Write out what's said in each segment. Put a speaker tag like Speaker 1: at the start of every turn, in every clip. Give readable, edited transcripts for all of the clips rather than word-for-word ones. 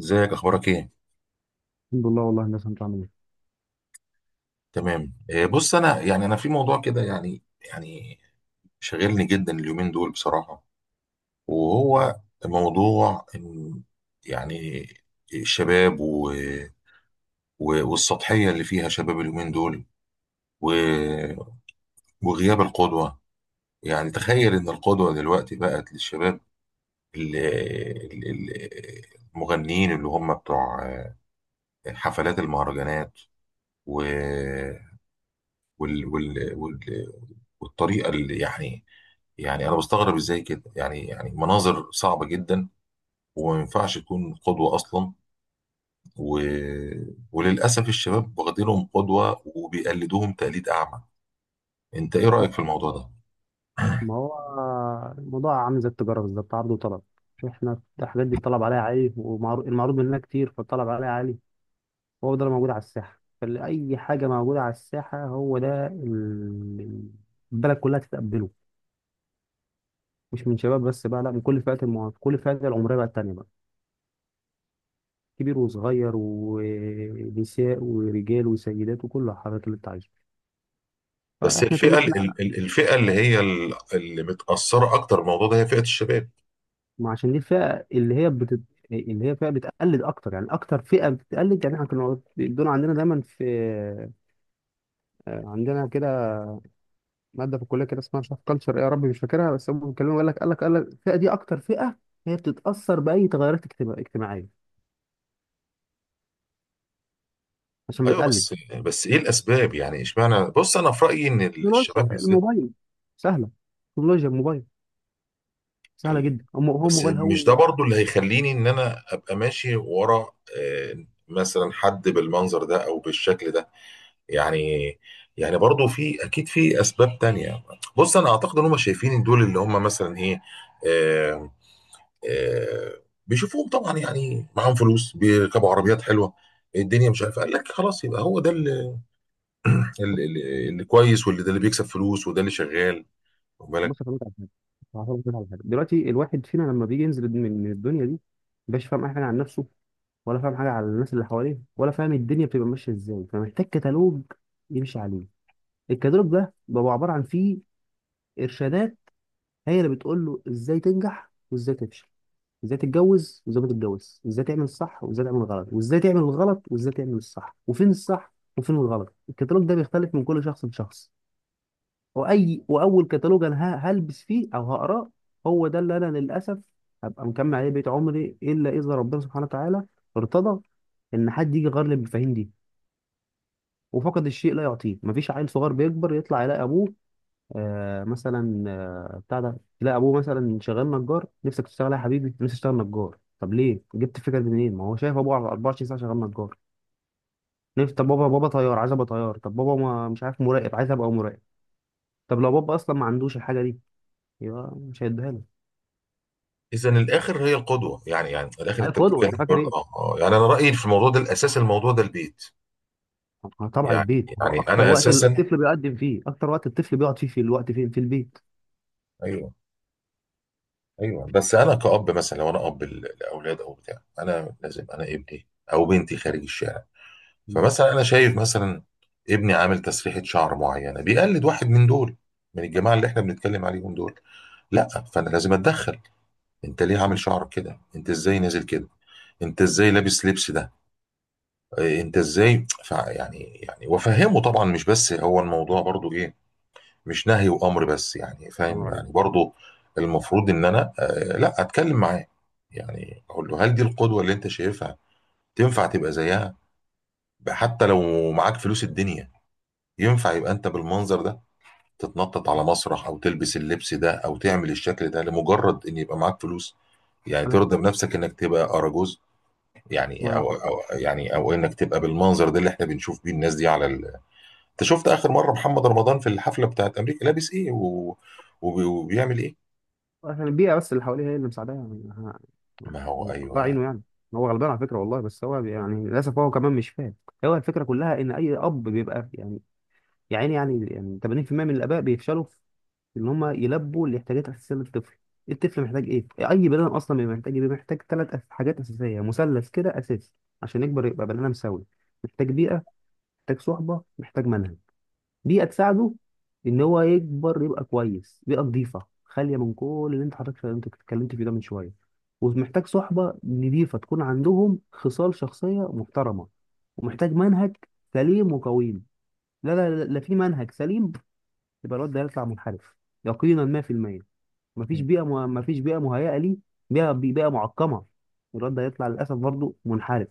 Speaker 1: ازيك؟ اخبارك ايه؟
Speaker 2: الحمد لله، والله الناس. انت عامل ايه؟
Speaker 1: تمام. بص، انا انا في موضوع كده، يعني شاغلني جدا اليومين دول بصراحة. وهو موضوع إن، يعني، الشباب والسطحية اللي فيها شباب اليومين دول و... وغياب القدوة. يعني تخيل ان القدوة دلوقتي بقت للشباب المغنيين اللي هم بتوع حفلات المهرجانات و... وال... وال... وال... والطريقه اللي يعني، يعني انا بستغرب ازاي كده، يعني مناظر صعبه جدا وما ينفعش تكون قدوه اصلا. و... وللاسف الشباب واخدينهم قدوه وبيقلدوهم تقليد اعمى. انت ايه رايك في الموضوع ده؟
Speaker 2: ما هو الموضوع عامل زي التجاره بالظبط، عرض وطلب. احنا الحاجات دي الطلب عليها عالي والمعروض منها كتير، فالطلب عليها عالي. هو ده اللي موجود على الساحه، فاي حاجه موجوده على الساحه هو ده البلد كلها تتقبله. مش من شباب بس بقى، لا، من كل فئات المواطن، كل فئات العمريه بقى التانيه بقى، كبير وصغير ونساء ورجال وسيدات وكل الحاجات اللي انت عايزها.
Speaker 1: بس
Speaker 2: فاحنا طول ما
Speaker 1: الفئه،
Speaker 2: احنا.
Speaker 1: الفئه اللي هي اللي متاثره اكتر بالموضوع ده هي فئه الشباب.
Speaker 2: ما عشان دي الفئة اللي هي اللي هي فئة بتقلد أكتر، يعني أكتر فئة بتقلد. يعني إحنا كنا دول عندنا دايما في، عندنا كده مادة في الكلية كده اسمها مش عارف كلتشر إيه، يا ربي مش فاكرها. بس هم بيتكلموا، يقول لك، قال لك الفئة دي أكتر فئة هي بتتأثر بأي تغيرات اجتماعية، عشان
Speaker 1: ايوه.
Speaker 2: بتقلد.
Speaker 1: بس ايه الاسباب؟ يعني اشمعنى؟ بص، انا في رايي ان
Speaker 2: تكنولوجيا
Speaker 1: الشباب بالذات،
Speaker 2: الموبايل سهلة تكنولوجيا الموبايل سهلة جدا، هو
Speaker 1: بس
Speaker 2: الموبايل
Speaker 1: مش ده
Speaker 2: هو.
Speaker 1: برضو اللي هيخليني ان انا ابقى ماشي ورا مثلا حد بالمنظر ده او بالشكل ده. يعني يعني برضو في اكيد في اسباب تانية. بص انا اعتقد ان هم شايفين إن دول اللي هم مثلا ايه. آه، آه، بيشوفوهم طبعا، يعني معاهم فلوس، بيركبوا عربيات حلوه. الدنيا مش عارف قال لك خلاص يبقى هو ده اللي كويس، واللي ده اللي بيكسب فلوس وده اللي شغال.
Speaker 2: بص أفهمك على حاجة، هفهمك على حاجة. دلوقتي الواحد فينا لما بيجي ينزل من الدنيا دي، مبقاش فاهم أي حاجة عن نفسه، ولا فاهم حاجه على الناس اللي حواليه، ولا فاهم الدنيا بتبقى ماشيه ازاي، فمحتاج كتالوج يمشي عليه. الكتالوج ده بيبقى عباره عن فيه ارشادات هي اللي بتقول له ازاي تنجح وازاي تفشل، ازاي تتجوز وازاي ما تتجوز، ازاي تعمل الصح وازاي تعمل الغلط، وازاي تعمل الغلط وازاي تعمل الصح، وفين الصح وفين الغلط. الكتالوج ده بيختلف من كل شخص لشخص. واول كتالوج انا هلبس فيه او هقراه، هو ده اللي انا للاسف هبقى مكمل عليه بقيت عمري، الا اذا ربنا سبحانه وتعالى ارتضى ان حد يجي يغير لي المفاهيم دي. وفقد الشيء لا يعطيه. مفيش عيل صغير بيكبر يطلع يلاقي ابوه، آه مثلا آه بتاع ده، يلاقي ابوه مثلا شغال نجار، نفسك تشتغل إيه يا حبيبي؟ نفسي اشتغل نجار. طب ليه؟ جبت الفكره دي منين؟ ما هو شايف ابوه على 24 ساعه شغال نجار. نفسي، طب بابا، بابا طيار، عايز ابقى طيار. طب بابا، ما، مش عارف، مراقب، عايز ابقى مراقب. طب لو بابا اصلا ما عندوش الحاجه دي، يبقى مش هيديها له.
Speaker 1: اذا الاخر هي القدوه، يعني الاخر
Speaker 2: عيل
Speaker 1: انت
Speaker 2: قدوه،
Speaker 1: بتتكلم
Speaker 2: انت فاكر
Speaker 1: برضه
Speaker 2: ايه؟
Speaker 1: يعني انا رايي في الموضوع ده، الاساس الموضوع ده البيت.
Speaker 2: طبعا
Speaker 1: يعني
Speaker 2: البيت هو
Speaker 1: يعني
Speaker 2: اكتر
Speaker 1: انا
Speaker 2: وقت
Speaker 1: اساسا.
Speaker 2: الطفل بيقدم فيه، اكتر وقت الطفل بيقعد فيه في الوقت فين؟ في البيت.
Speaker 1: ايوه، ايوه. بس انا كأب، مثلا لو انا اب لاولاد او بتاع، انا لازم، انا ابني او بنتي خارج الشارع.
Speaker 2: مم.
Speaker 1: فمثلا انا شايف مثلا ابني عامل تسريحه شعر معينه بيقلد واحد من دول، من الجماعه اللي احنا بنتكلم عليهم دول. لا، فانا لازم اتدخل. انت ليه عامل
Speaker 2: الله
Speaker 1: شعرك كده؟ انت ازاي نازل كده؟ انت ازاي لابس لبس ده؟ إيه، انت ازاي يعني وافهمه طبعا، مش بس هو الموضوع برضو ايه، مش نهي وامر بس، يعني فاهم
Speaker 2: ينور عليك.
Speaker 1: يعني برضو. المفروض ان انا لا، اتكلم معاه، يعني اقول له: هل دي القدوة اللي انت شايفها تنفع تبقى زيها؟ حتى لو معاك فلوس الدنيا، ينفع يبقى انت بالمنظر ده، تتنطط على مسرح او تلبس اللبس ده او تعمل الشكل ده لمجرد ان يبقى معاك فلوس؟ يعني
Speaker 2: انا
Speaker 1: ترضى بنفسك انك تبقى اراجوز؟
Speaker 2: ما
Speaker 1: يعني
Speaker 2: أنا
Speaker 1: او يعني او انك تبقى بالمنظر ده اللي احنا بنشوف بيه الناس دي على انت شفت اخر مره محمد رمضان في الحفله بتاعت امريكا لابس ايه وبيعمل ايه؟
Speaker 2: عشان البيئة بس اللي حواليه هي اللي مساعداه، يعني
Speaker 1: ما هو
Speaker 2: يعني الله
Speaker 1: ايوه.
Speaker 2: عينه يعني. هو غلبان على فكرة والله، بس هو يعني للأسف هو كمان مش فاهم. هو الفكرة كلها إن أي أب بيبقى يعني، يا عيني، يعني 80% من الآباء بيفشلوا في إن هم يلبوا الاحتياجات الأساسية للطفل. الطفل محتاج إيه؟ أي بني آدم أصلا بيبقى محتاج إيه؟ بيبقى محتاج ثلاث حاجات أساسية، مثلث كده أساسي عشان يكبر يبقى بني آدم سوي. محتاج بيئة، محتاج صحبة، محتاج منهج. دي هتساعده ان هو يكبر يبقى كويس. بيئه نظيفه خاليه من كل اللي انت حضرتك انت اتكلمت فيه ده من شويه، ومحتاج صحبه نظيفه تكون عندهم خصال شخصيه محترمه، ومحتاج منهج سليم وقويم. لا لا لا لا في منهج سليم، يبقى الواد ده هيطلع منحرف، يقينا 100%. مفيش بيئه مهيئه ليه، بيئه معقمه، الواد ده هيطلع للاسف برضه منحرف.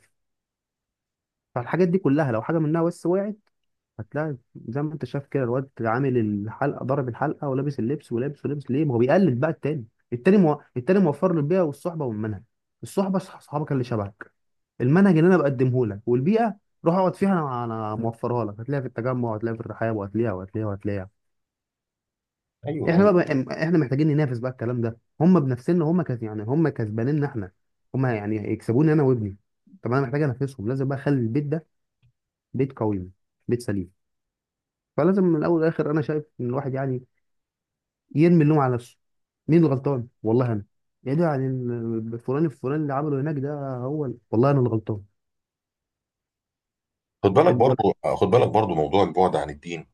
Speaker 2: فالحاجات دي كلها لو حاجه منها بس وقعت، هتلاقي زي ما انت شايف كده الواد عامل الحلقه، ضارب الحلقه ولابس اللبس ولابس ليه؟ ما هو بيقلد بقى التاني. التاني موفر له البيئه والصحبه والمنهج. الصحبه، صحابك اللي شبهك، المنهج اللي انا بقدمه لك، والبيئه روح اقعد فيها، انا موفرها لك. هتلاقيها في التجمع، وهتلاقيها في الرحاب، وهتلاقيها وهتلاقيها وهتلاقيها.
Speaker 1: ايوه، ايوه.
Speaker 2: احنا بقى، احنا محتاجين ننافس بقى الكلام ده، هم بنفسنا، هم يعني هم كسبانيننا احنا، هم يعني يكسبوني انا وابني. طب انا محتاج انافسهم، لازم بقى اخلي البيت ده بيت قوي، بيت سليم. فلازم من الاول والاخر انا شايف ان الواحد يعني يرمي اللوم على نفسه. مين الغلطان؟ والله انا. يا ده يعني فلان الفلان اللي عمله هناك ده، هو والله انا الغلطان.
Speaker 1: خد بالك
Speaker 2: الولد.
Speaker 1: برضو خد بالك برضو موضوع البعد عن الدين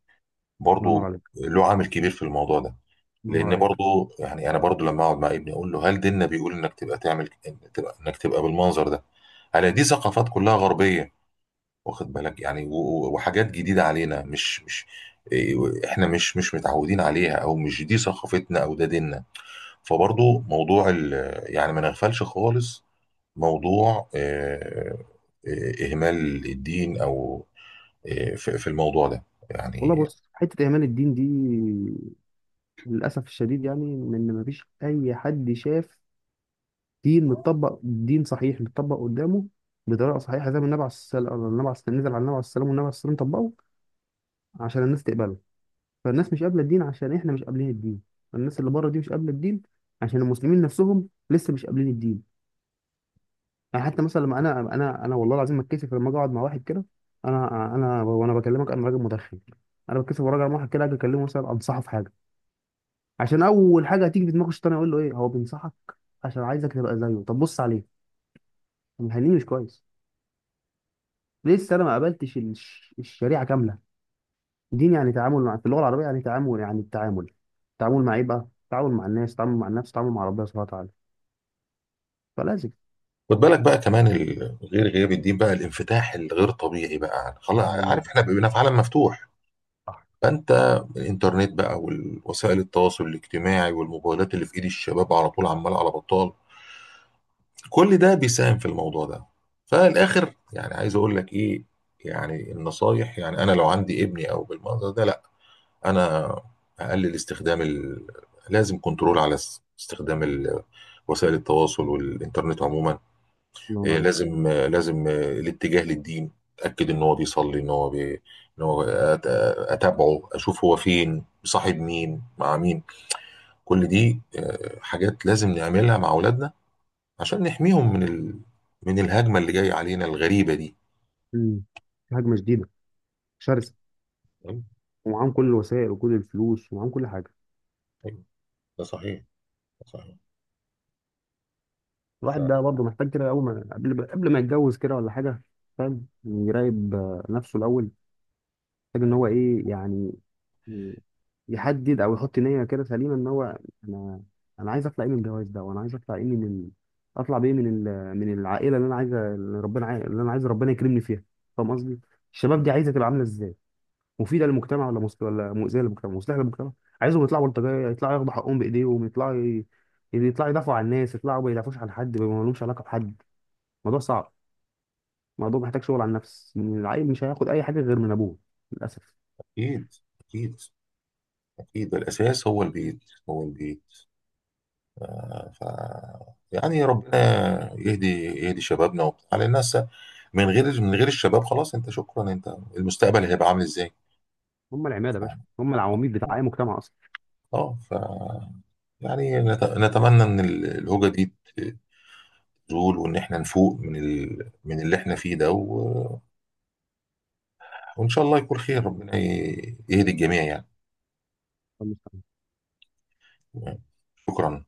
Speaker 2: الله ينور
Speaker 1: برضو
Speaker 2: عليك.
Speaker 1: له عامل كبير في الموضوع ده.
Speaker 2: الله ينور
Speaker 1: لان
Speaker 2: عليك.
Speaker 1: برضو يعني انا برضو لما اقعد مع ابني اقول له هل ديننا بيقول انك تبقى تعمل، تبقى انك تبقى بالمنظر ده؟ انا دي ثقافات كلها غربيه، واخد بالك يعني وحاجات جديده علينا، مش إيه، احنا مش متعودين عليها او مش دي ثقافتنا او ده ديننا. فبرضه موضوع يعني ما نغفلش خالص. موضوع إهمال الدين أو في الموضوع ده
Speaker 2: والله،
Speaker 1: يعني.
Speaker 2: بص، حته ايمان الدين دي للاسف الشديد، يعني ان مفيش اي حد شاف دين متطبق، دين صحيح متطبق قدامه بطريقه صحيحه زي ما النبي عليه الصلاه نزل على النبي عليه السلام، والنبي عليه السلام طبقه عشان الناس تقبله. فالناس مش قابله الدين عشان احنا مش قابلين الدين، الناس اللي بره دي مش قابله الدين عشان المسلمين نفسهم لسه مش قابلين الدين. يعني حتى مثلا لما انا، انا والله العظيم ما اتكسف لما اجي اقعد مع واحد كده. انا، وانا بكلمك انا راجل مدخن، انا بتكسف وانا راجع مع واحد كده اجي اكلمه مثلا انصحه في حاجه. عشان اول حاجه هتيجي في دماغه الشيطان يقول له: ايه هو بينصحك عشان عايزك تبقى زيه، طب بص عليه، طب مخليه مش كويس، لسه انا ما قابلتش الشريعه كامله. دين يعني تعامل، مع في اللغه العربيه يعني تعامل، يعني التعامل. تعامل مع ايه بقى؟ تعامل مع الناس، تعامل مع النفس، تعامل مع ربنا سبحانه وتعالى. فلازم.
Speaker 1: خد بالك بقى كمان غير غياب الدين، بقى الانفتاح الغير طبيعي بقى، خلاص
Speaker 2: ايوه،
Speaker 1: عارف احنا بقينا في عالم مفتوح.
Speaker 2: صح،
Speaker 1: فانت، الانترنت بقى والوسائل التواصل الاجتماعي والموبايلات اللي في ايد الشباب على طول عمال على بطال، كل ده بيساهم في الموضوع ده.
Speaker 2: صح.
Speaker 1: فالاخر يعني عايز اقول لك ايه؟ يعني النصايح، يعني انا لو عندي ابني او بالمنظر ده، لا، انا اقلل استخدام لازم كنترول على استخدام وسائل التواصل والانترنت عموما.
Speaker 2: الله
Speaker 1: إيه
Speaker 2: يبارك.
Speaker 1: لازم، لازم الاتجاه للدين. اتاكد ان هو بيصلي، ان هو بي... ان هو أت... اتابعه اشوف هو فين، صاحب مين، مع مين. كل دي حاجات لازم نعملها مع اولادنا عشان نحميهم من من الهجمة اللي جاية علينا الغريبة دي.
Speaker 2: مم. في هجمه شديده شرسه،
Speaker 1: تمام؟
Speaker 2: ومعاهم كل الوسائل وكل الفلوس، ومعاهم كل حاجه.
Speaker 1: أيوة، ده صحيح. ده صحيح.
Speaker 2: الواحد ده برضه محتاج كده اول ما قبل ما يتجوز كده ولا حاجه، فاهم، يراقب نفسه الاول. محتاج ان هو ايه يعني، ي- يحدد او يحط نيه كده سليمه ان هو، انا، عايز اطلع ايه من الجواز ده، وانا عايز اطلع ايه من اطلع بايه من من العائله اللي انا عايزه، اللي ربنا اللي انا عايز ربنا يكرمني فيها، فاهم قصدي. الشباب دي عايزه تبقى عامله ازاي؟ مفيده للمجتمع، ولا ولا مؤذيه للمجتمع، مصلحه للمجتمع؟ عايزهم يطلعوا بلطجيه، يطلعوا ياخدوا حقهم بايديهم، يطلعوا، يطلعوا يدافعوا عن الناس، يطلعوا ما يدافعوش عن حد، ما لهمش علاقه بحد. الموضوع صعب، الموضوع محتاج شغل على النفس. العيل مش هياخد اي حاجه غير من ابوه للاسف.
Speaker 1: فأكيد، أكيد، أكيد الأساس هو البيت، هو البيت. ف... ف... يعني ربنا يهدي شبابنا وبتاع على الناس. من غير الشباب خلاص، أنت شكرا، أنت المستقبل هيبقى عامل إزاي؟
Speaker 2: هم العماده
Speaker 1: ف...
Speaker 2: يا باشا، هم العواميد بتاع اي مجتمع
Speaker 1: اه ف يعني نتمنى ان الهوجه دي ت- تزول وان احنا نفوق من من اللي احنا فيه ده. وإن شاء الله يكون خير، ربنا يهدي الجميع يعني.
Speaker 2: اصلا.
Speaker 1: شكرا.